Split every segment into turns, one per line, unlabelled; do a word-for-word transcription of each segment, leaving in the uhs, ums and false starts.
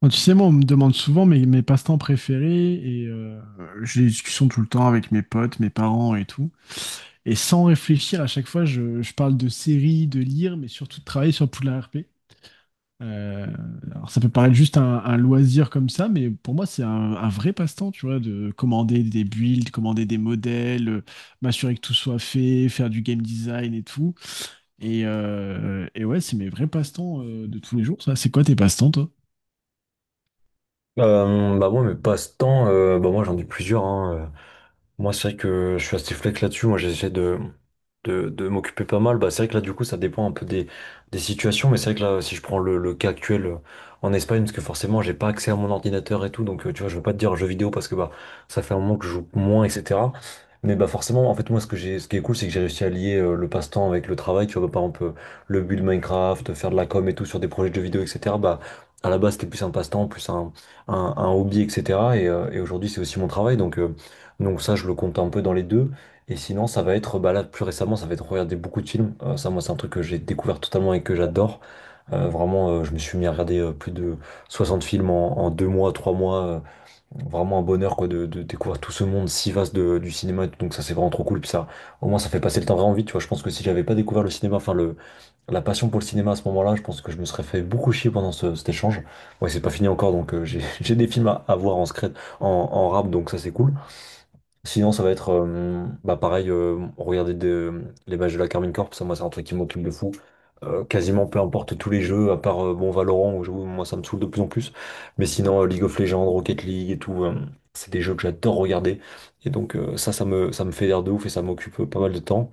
Bon, tu sais, moi, on me demande souvent mes, mes passe-temps préférés et euh, j'ai des discussions tout le temps avec mes potes, mes parents et tout. Et sans réfléchir, à chaque fois, je, je parle de séries, de lire, mais surtout de travailler sur Poudlard R P. Euh, alors, ça peut paraître juste un, un loisir comme ça, mais pour moi, c'est un, un vrai passe-temps, tu vois, de commander des builds, commander des modèles, euh, m'assurer que tout soit fait, faire du game design et tout. Et, euh, et ouais, c'est mes vrais passe-temps euh, de tous les jours, ça. C'est quoi tes passe-temps, toi?
Euh, bah moi mes passe-temps, euh, bah moi j'en ai plusieurs hein. euh. Moi, c'est vrai que je suis assez flex là-dessus. Moi, j'essaie de, de, de m'occuper pas mal. Bah, c'est vrai que là, du coup, ça dépend un peu des, des situations. Mais c'est vrai que là, si je prends le, le cas actuel euh, en Espagne, parce que forcément, j'ai pas accès à mon ordinateur et tout. Donc, euh, tu vois, je veux pas te dire jeux vidéo parce que bah, ça fait un moment que je joue moins, et cetera. Mais bah, forcément, en fait, moi, ce que j'ai, ce qui est cool, c'est que j'ai réussi à lier euh, le passe-temps avec le travail. Tu vois, bah, par exemple, euh, le build Minecraft, faire de la com et tout sur des projets de jeux vidéo, et cetera. Bah, à la base, c'était plus un passe-temps, plus un, un, un hobby, et cetera. Et, euh, et aujourd'hui, c'est aussi mon travail. Donc, euh, donc ça, je le compte un peu dans les deux. Et sinon, ça va être, bah là, plus récemment, ça va être regarder beaucoup de films. Euh, ça, moi, c'est un truc que j'ai découvert totalement et que j'adore. Euh, vraiment, euh, je me suis mis à regarder euh, plus de soixante films en, en deux mois, trois mois. Euh, vraiment un bonheur, quoi, de, de découvrir tout ce monde si vaste de- du cinéma. Et tout. Donc ça, c'est vraiment trop cool. Puis ça, au moins, ça fait passer le temps vraiment vite. Tu vois, je pense que si j'avais pas découvert le cinéma, enfin le, la passion pour le cinéma à ce moment-là, je pense que je me serais fait beaucoup chier pendant ce- cet échange. Ouais, c'est pas fini encore, donc euh, j'ai j'ai des films à, à voir en secret, en, en rap, donc ça, c'est cool. Sinon, ça va être euh, bah, pareil, euh, regarder de- les matchs de la Carmine Corp, ça, moi, c'est un truc qui m'occupe de fou. Euh, quasiment peu importe tous les jeux, à part euh, bon Valorant, où je- moi, ça me saoule de plus en plus. Mais sinon, euh, League of Legends, Rocket League et tout, euh, c'est des jeux que j'adore regarder. Et donc, euh, ça, ça me, ça me fait l'air de ouf et ça m'occupe pas mal de temps.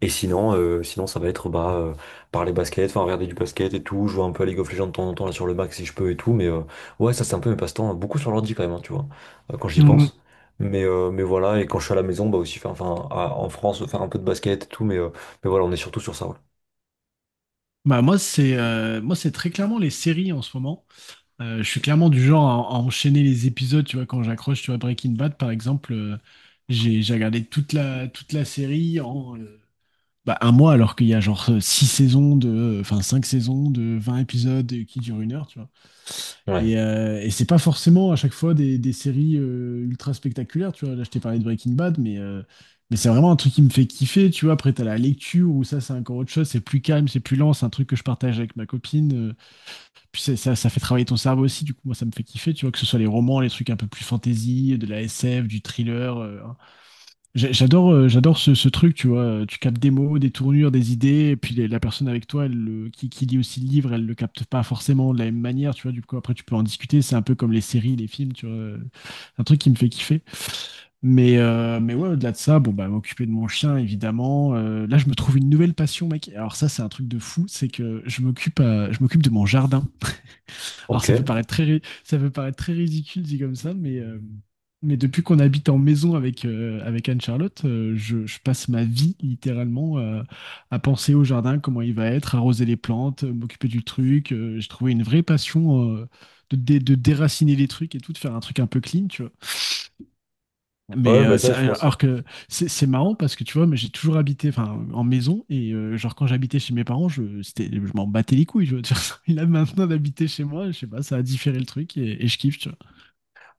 Et sinon, euh, sinon ça va être bah, euh, parler basket, enfin regarder du basket et tout, jouer un peu à League of Legends de temps en temps là sur le Mac si je peux et tout, mais euh, ouais ça c'est un peu mes passe-temps, hein, beaucoup sur l'ordi quand même, hein, tu vois, euh, quand j'y
Mm.
pense. Mais, euh, mais voilà, et quand je suis à la maison, bah aussi faire, enfin à- en France, faire un peu de basket et tout, mais, euh, mais voilà, on est surtout sur ça, ouais.
Bah moi c'est euh, moi c'est très clairement les séries en ce moment. Euh, je suis clairement du genre à, à enchaîner les épisodes, tu vois, quand j'accroche, tu vois, Breaking Bad par exemple, euh, j'ai j'ai regardé toute la toute la série en, euh, bah, un mois alors qu'il y a genre euh, six saisons de, enfin cinq saisons de vingt épisodes qui durent une heure, tu vois.
Ouais.
Et, euh, et c'est pas forcément à chaque fois des, des séries euh, ultra spectaculaires, tu vois. Là, je t'ai parlé de Breaking Bad, mais, euh, mais c'est vraiment un truc qui me fait kiffer, tu vois. Après, t'as la lecture où ça, c'est encore autre chose, c'est plus calme, c'est plus lent, c'est un truc que je partage avec ma copine. euh, puis c'est- ça, ça fait travailler ton cerveau aussi, du coup, moi, ça me fait kiffer, tu vois, que ce soit les romans, les trucs un peu plus fantasy, de la S F, du thriller. euh, J'a- J'adore, euh, j'adore ce, ce truc, tu vois. Tu captes des mots, des tournures, des idées, et puis les- la personne avec toi, elle, le- qui, qui lit aussi le livre, elle le capte pas forcément de la même manière, tu vois. Du coup, après, tu peux en discuter. C'est un peu comme les séries, les films, tu vois. C'est un truc qui me fait kiffer. Mais, euh, mais ouais, au-delà de ça, bon, bah, m'occuper de mon chien, évidemment. Euh, là, je me trouve une nouvelle passion, mec. Alors ça, c'est un truc de fou. C'est que je m'occupe, à- je m'occupe de mon jardin. Alors
Ok.
ça peut paraître très, ri- ça peut paraître très ridicule dit comme ça, mais, euh, mais depuis qu'on habite en maison avec, euh, avec Anne-Charlotte, euh, je, je passe ma vie littéralement euh, à penser au jardin, comment il va être, arroser les plantes, euh, m'occuper du truc. Euh, j'ai trouvé une vraie passion euh, de, dé- de déraciner les trucs et tout, de faire un truc un peu clean, tu vois. Mais
Ouais, bah
euh,
ça
c'est-
je pense.
alors que c'est c'est marrant parce que tu vois, mais j'ai toujours habité enfin en maison et euh, genre quand j'habitais chez mes parents, je c'était je m'en battais les couilles. Tu vois, Et là maintenant d'habiter chez moi, je sais pas, ça a différé le truc et, et je kiffe. Tu vois.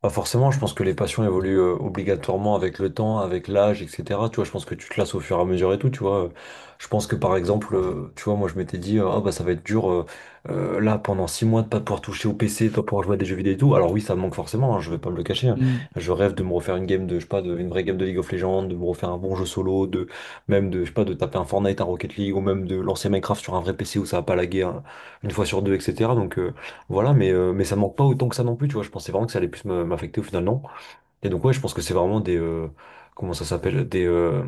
Bah forcément, je pense que les passions évoluent euh, obligatoirement avec le temps, avec l'âge, et cetera. Tu vois, je pense que tu te lasses au fur et à mesure et tout, tu vois. Je pense que par exemple, euh, tu vois, moi je m'étais dit, euh, ah bah ça va être dur euh, euh, là pendant six mois de pas pouvoir toucher au P C, de pas pouvoir jouer à des jeux vidéo et tout. Alors oui, ça me manque forcément, hein, je vais pas me le cacher. Hein.
Mm.
Je rêve de me refaire une game de, je sais pas, de, une vraie game de League of Legends, de me refaire un bon jeu solo, de même de, je sais pas, de taper un Fortnite, un Rocket League, ou même de lancer Minecraft sur un vrai P C où ça va pas laguer hein, une fois sur deux, et cetera. Donc euh, voilà, mais, euh, mais ça manque pas autant que ça non plus, tu vois. Je pensais vraiment que ça allait plus me- m'affecter au final, non. Et donc, ouais, je pense que c'est vraiment des. Euh, comment ça s'appelle? Des. Euh,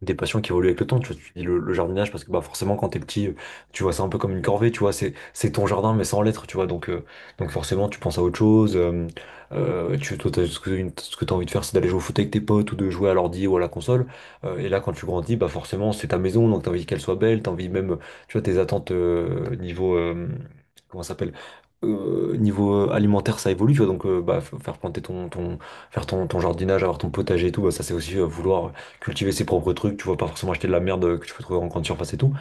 Des passions qui évoluent avec le temps, tu vois, tu dis le, le jardinage parce que bah forcément quand t'es petit, euh, tu vois c'est un peu comme une corvée, tu vois, c'est c'est ton jardin mais sans l'être, tu vois, donc euh, donc forcément tu penses à autre chose, euh, euh, tu toi, t'as- ce que une- ce que t'as envie de faire c'est d'aller jouer au foot avec tes potes ou de jouer à l'ordi ou à la console. Euh, et là quand tu grandis bah forcément c'est ta maison donc t'as envie qu'elle soit belle, t'as envie même tu vois tes attentes euh, niveau euh, comment ça s'appelle euh, niveau euh, alimentaire, ça évolue, tu vois. Donc, euh, bah, f- faire planter ton, ton, faire ton, ton jardinage, avoir ton potager et tout, bah, ça, c'est aussi euh, vouloir cultiver ses propres trucs, tu vois, pas forcément acheter de la merde euh, que tu peux trouver en grande surface et tout.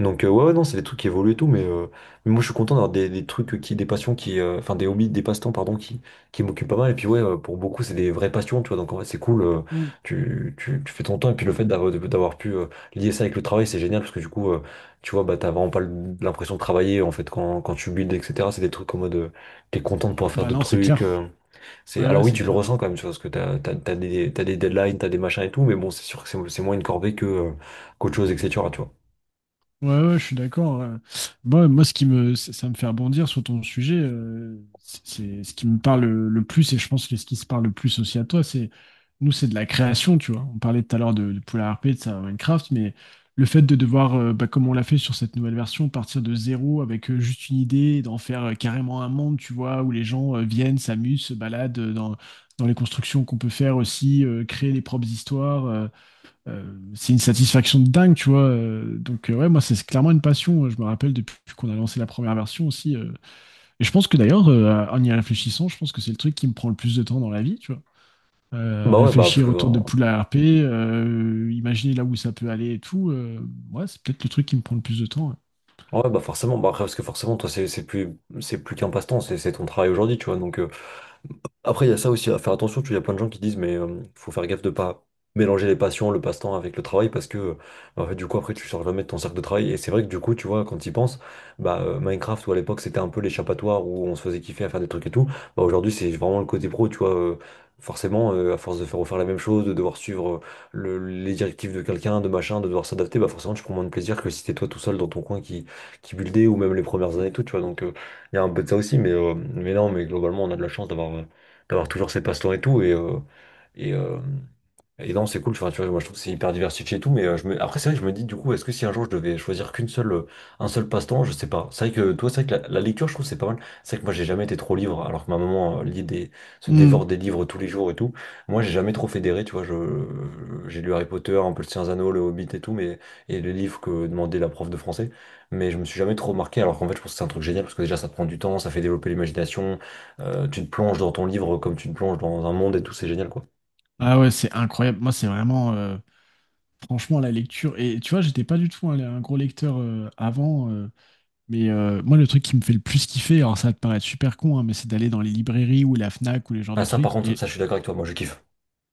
Donc euh, ouais, ouais, non, c'est des trucs qui évoluent et tout, mais, euh, mais moi je suis content d'avoir des, des trucs qui, des passions qui, euh, enfin des hobbies, des passe-temps, pardon, qui, qui m'occupent pas mal. Et puis ouais, euh, pour beaucoup, c'est des vraies passions, tu vois, donc en fait c'est cool, euh,
Mm.
tu, tu, tu fais ton temps, et puis le fait d'avoir d'avoir pu euh, lier ça avec le travail, c'est génial, parce que du coup, euh, tu vois, bah t'as vraiment pas l'impression de travailler en fait quand, quand tu builds, et cetera. C'est des trucs en mode euh, t'es content de pouvoir faire
Bah
d'autres
non, c'est
trucs.
clair.
Euh, c'est,
Ouais, ouais,
alors oui,
c'est
tu le
clair.
ressens quand même, tu vois, parce que t'as, t'as, t'as des, t'as des deadlines, t'as des machins et tout, mais bon, c'est sûr que c'est c'est moins une corvée que, euh, qu'autre chose, et cetera, tu vois.
Ouais, ouais, je suis d'accord. euh. Moi, moi, ce qui me, ça ça me fait rebondir sur ton sujet, euh, c'est c'est ce qui me parle le, le plus, et je pense que ce qui se parle le plus aussi à toi, c'est nous, c'est de la création, tu vois. On parlait tout à l'heure de, de Polar R P, de ça, Minecraft, mais le fait de devoir, euh, bah, comme on l'a fait sur cette nouvelle version, partir de zéro avec euh, juste une idée, et d'en faire euh, carrément un monde, tu vois, où les gens euh, viennent, s'amusent, se baladent euh, dans, dans les constructions qu'on peut faire aussi, euh, créer les propres histoires. Euh, euh, c'est une satisfaction de dingue, tu vois. Euh, Donc, euh, ouais, moi, c'est clairement une passion. euh, Je me rappelle depuis qu'on a lancé la première version aussi. euh. Et je pense que d'ailleurs, euh, en y réfléchissant, je pense que c'est le truc qui me prend le plus de temps dans la vie, tu vois. Euh,
Bah ouais, bah parce
réfléchir
que
autour de
ouais,
Poula R P, euh, imaginer là où ça peut aller et tout. Euh, ouais, c'est peut-être le truc qui me prend le plus de temps.
bah forcément, bah après, parce que forcément, toi, c'est c'est plus c'est plus qu'un passe-temps, c'est c'est ton travail aujourd'hui, tu vois. Donc, euh, Après, il y a ça aussi à faire attention. Tu vois, il y a plein de gens qui disent, mais euh, faut faire gaffe de pas mélanger les passions, le passe-temps avec le travail, parce que euh, en fait, du coup, après, tu sors jamais de ton cercle de travail. Et c'est vrai que du coup, tu vois, quand tu y penses, bah, euh, Minecraft, où à l'époque, c'était un peu l'échappatoire où on se faisait kiffer à faire des trucs et tout, bah, aujourd'hui, c'est vraiment le côté pro, tu vois. Euh, forcément, euh, à force de faire refaire la même chose, de devoir suivre euh, le- les directives de quelqu'un, de machin, de devoir s'adapter, bah, forcément, tu prends moins de plaisir que si t'es toi tout seul dans ton coin qui, qui buildait, ou même les premières années et tout, tu vois. Donc, euh, il y a un peu de ça aussi, mais, euh, mais non, mais globalement, on a de la chance d'avoir d'avoir toujours ses passe-temps et tout. Et, euh, et, euh, et non, c'est cool, tu vois, tu vois, moi je trouve que c'est hyper diversifié et tout, mais euh, je me... après c'est vrai que je me dis du coup, est-ce que si un jour je devais choisir qu'une seule, euh, un seul passe-temps, je sais pas. C'est vrai que toi, c'est vrai que la, la lecture, je trouve que c'est pas mal. C'est vrai que moi j'ai jamais été trop livre, alors que ma maman euh, lit des... se
Ouais. Hmm.
dévore des livres tous les jours et tout. Moi j'ai jamais trop fédéré, tu vois, je... j'ai lu Harry Potter, un peu le Seigneur des Anneaux, le Hobbit et tout, mais et les livres que demandait la prof de français, mais je me suis jamais trop marqué, alors qu'en fait je pense que c'est un truc génial parce que déjà ça te prend du temps, ça fait développer l'imagination, euh, tu te plonges dans ton livre comme tu te plonges dans un monde et tout, c'est génial quoi.
Ah ouais, c'est incroyable. Moi, c'est vraiment, euh, franchement, la lecture. Et tu vois, j'étais pas du tout un, un gros lecteur euh, avant. euh, Mais euh, moi, le truc qui me fait le plus kiffer, alors ça va te paraître super con, hein, mais c'est d'aller dans les librairies ou la Fnac ou les genres de
Ah ça par
trucs.
contre,
Et,
ça je suis d'accord avec toi, moi je kiffe.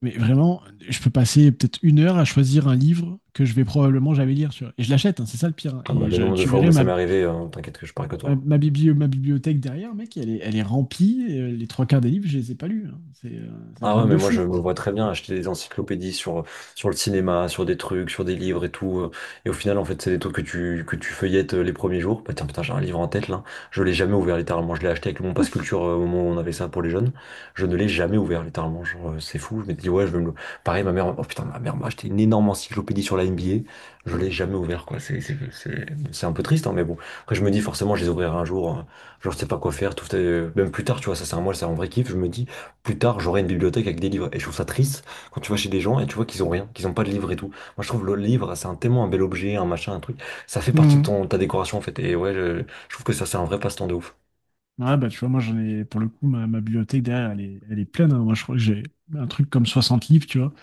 mais vraiment, je peux passer peut-être une heure à choisir un livre que je vais probablement jamais lire, tu vois. Et je l'achète, hein, c'est ça le pire, hein.
Ah bah,
Et
le
je-
nombre de
tu
fois
verrais
où ça
ma,
m'est arrivé, euh, t'inquiète que je parle que
ma,
toi.
ma biblio- ma bibliothèque derrière, mec, elle est, elle est remplie. Et, euh, les trois quarts des livres, je les ai pas lus, hein. C'est euh, c'est un
Ah ouais,
truc
mais
de
moi je
fou.
me vois très bien acheter des encyclopédies sur, sur le cinéma, sur des trucs, sur des livres et tout. euh, Et au final, en fait, c'est des trucs que tu, que tu feuillettes euh, les premiers jours. Bah tiens, putain, j'ai un livre en tête là. Je l'ai jamais ouvert littéralement. Je l'ai acheté avec mon pass culture euh, au moment où on avait ça pour les jeunes. Je ne l'ai jamais ouvert littéralement. Genre, euh, c'est fou. Je m'étais dit, ouais, je vais me le. Pareil, ma mère, oh putain, ma mère m'a acheté une énorme encyclopédie sur la N B A. Je l'ai jamais ouvert, quoi. C'est, c'est, c'est, c'est un peu triste, hein, mais bon. Après, je me dis, forcément, je les ouvrirai un jour. Hein. Genre, je sais pas quoi faire. Tout, euh, même plus tard, tu vois, ça, c'est un mois, c'est un vrai kiff. Je me dis plus tard, j'aurai une bibliothèque avec des livres. Et je trouve ça triste quand tu vas chez des gens et tu vois qu'ils ont rien, qu'ils ont pas de livres et tout. Moi, je trouve le livre, c'est un, tellement un bel objet, un machin, un truc. Ça fait partie de
Mhm.
ton, ta décoration, en fait. Et ouais, je, je trouve que ça, c'est un vrai passe-temps de ouf.
Ah bah tu vois, moi j'en ai pour le coup ma, ma bibliothèque derrière, elle est, elle est pleine, hein. Moi je crois que j'ai un truc comme soixante livres, tu vois.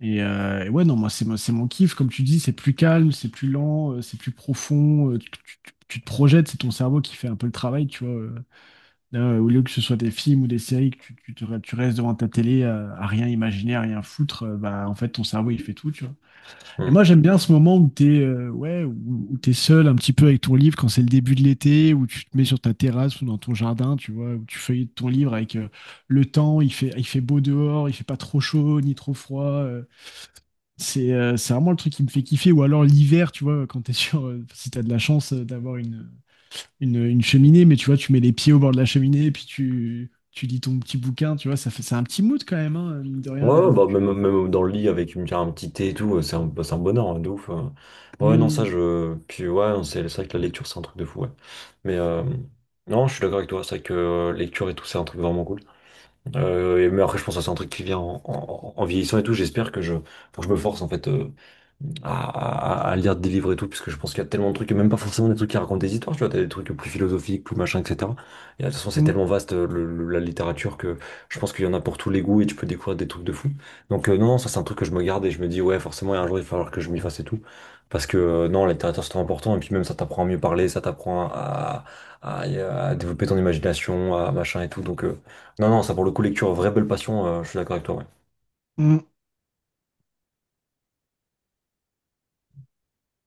Et, euh, et ouais, non, moi, c'est mon c'est mon kiff. Comme tu dis, c'est plus calme, c'est plus lent, euh, c'est plus profond. euh, tu, tu- tu- tu te projettes, c'est ton cerveau qui fait un peu le travail, tu vois. euh. Là, au lieu que ce soit des films ou des séries, que tu, tu, te- tu restes devant ta télé euh, à rien imaginer, à rien foutre, euh, bah, en fait, ton cerveau, il fait tout, tu vois. Et
Hmm.
moi, j'aime bien ce moment où t'es, euh, ouais, où, où t'es seul un petit peu avec ton livre quand c'est le début de l'été, où tu te mets sur ta terrasse ou dans ton jardin, tu vois, où tu feuillettes ton livre avec euh, le temps, il fait, il fait beau dehors, il fait pas trop chaud ni trop froid. euh, c'est euh, c'est vraiment le truc qui me fait kiffer. Ou alors l'hiver, tu vois, quand t'es sur. Euh, si t'as de la chance euh, d'avoir une, une, une cheminée, mais tu vois, tu mets les pieds au bord de la cheminée et puis tu, tu lis ton petit bouquin, tu vois, ça fait, c'est un petit mood quand même, hein, mine de
Ouais,
rien, la
ouais, bah,
lecture.
même, même dans le lit avec une, un petit thé et tout, euh, c'est un, bah, c'est un bonheur, hein, de ouf. euh. Bah, ouais, non, ça,
Mm,
je. Puis ouais, non, c'est c'est vrai que la lecture, c'est un truc de fou, ouais. Mais euh, non, je suis d'accord avec toi, c'est vrai que euh, lecture et tout, c'est un truc vraiment cool. Euh, et- mais après, je pense que c'est un truc qui vient en, en- en vieillissant et tout. J'espère que je, faut que je me force, en fait. Euh, à, à- à lire des livres et tout, parce que je pense qu'il y a tellement de trucs, et même pas forcément des trucs qui racontent des histoires, tu vois, t'as des trucs plus philosophiques, plus machin, et cetera. Et de toute façon, c'est
mm,
tellement vaste, euh, le- le- la littérature, que je pense qu'il y en a pour tous les goûts, et tu peux découvrir des trucs de fou. Donc euh, non, non, ça c'est un truc que je me garde, et je me dis, ouais, forcément, un jour, il va falloir que je m'y fasse et tout. Parce que euh, non, la littérature, c'est trop important, et puis même ça t'apprend à mieux parler, ça t'apprend à, à, à développer ton imagination, à machin et tout. Donc euh, non, non, ça pour le coup, lecture, vraie belle passion, euh, je suis d'accord avec toi. Ouais.
mm.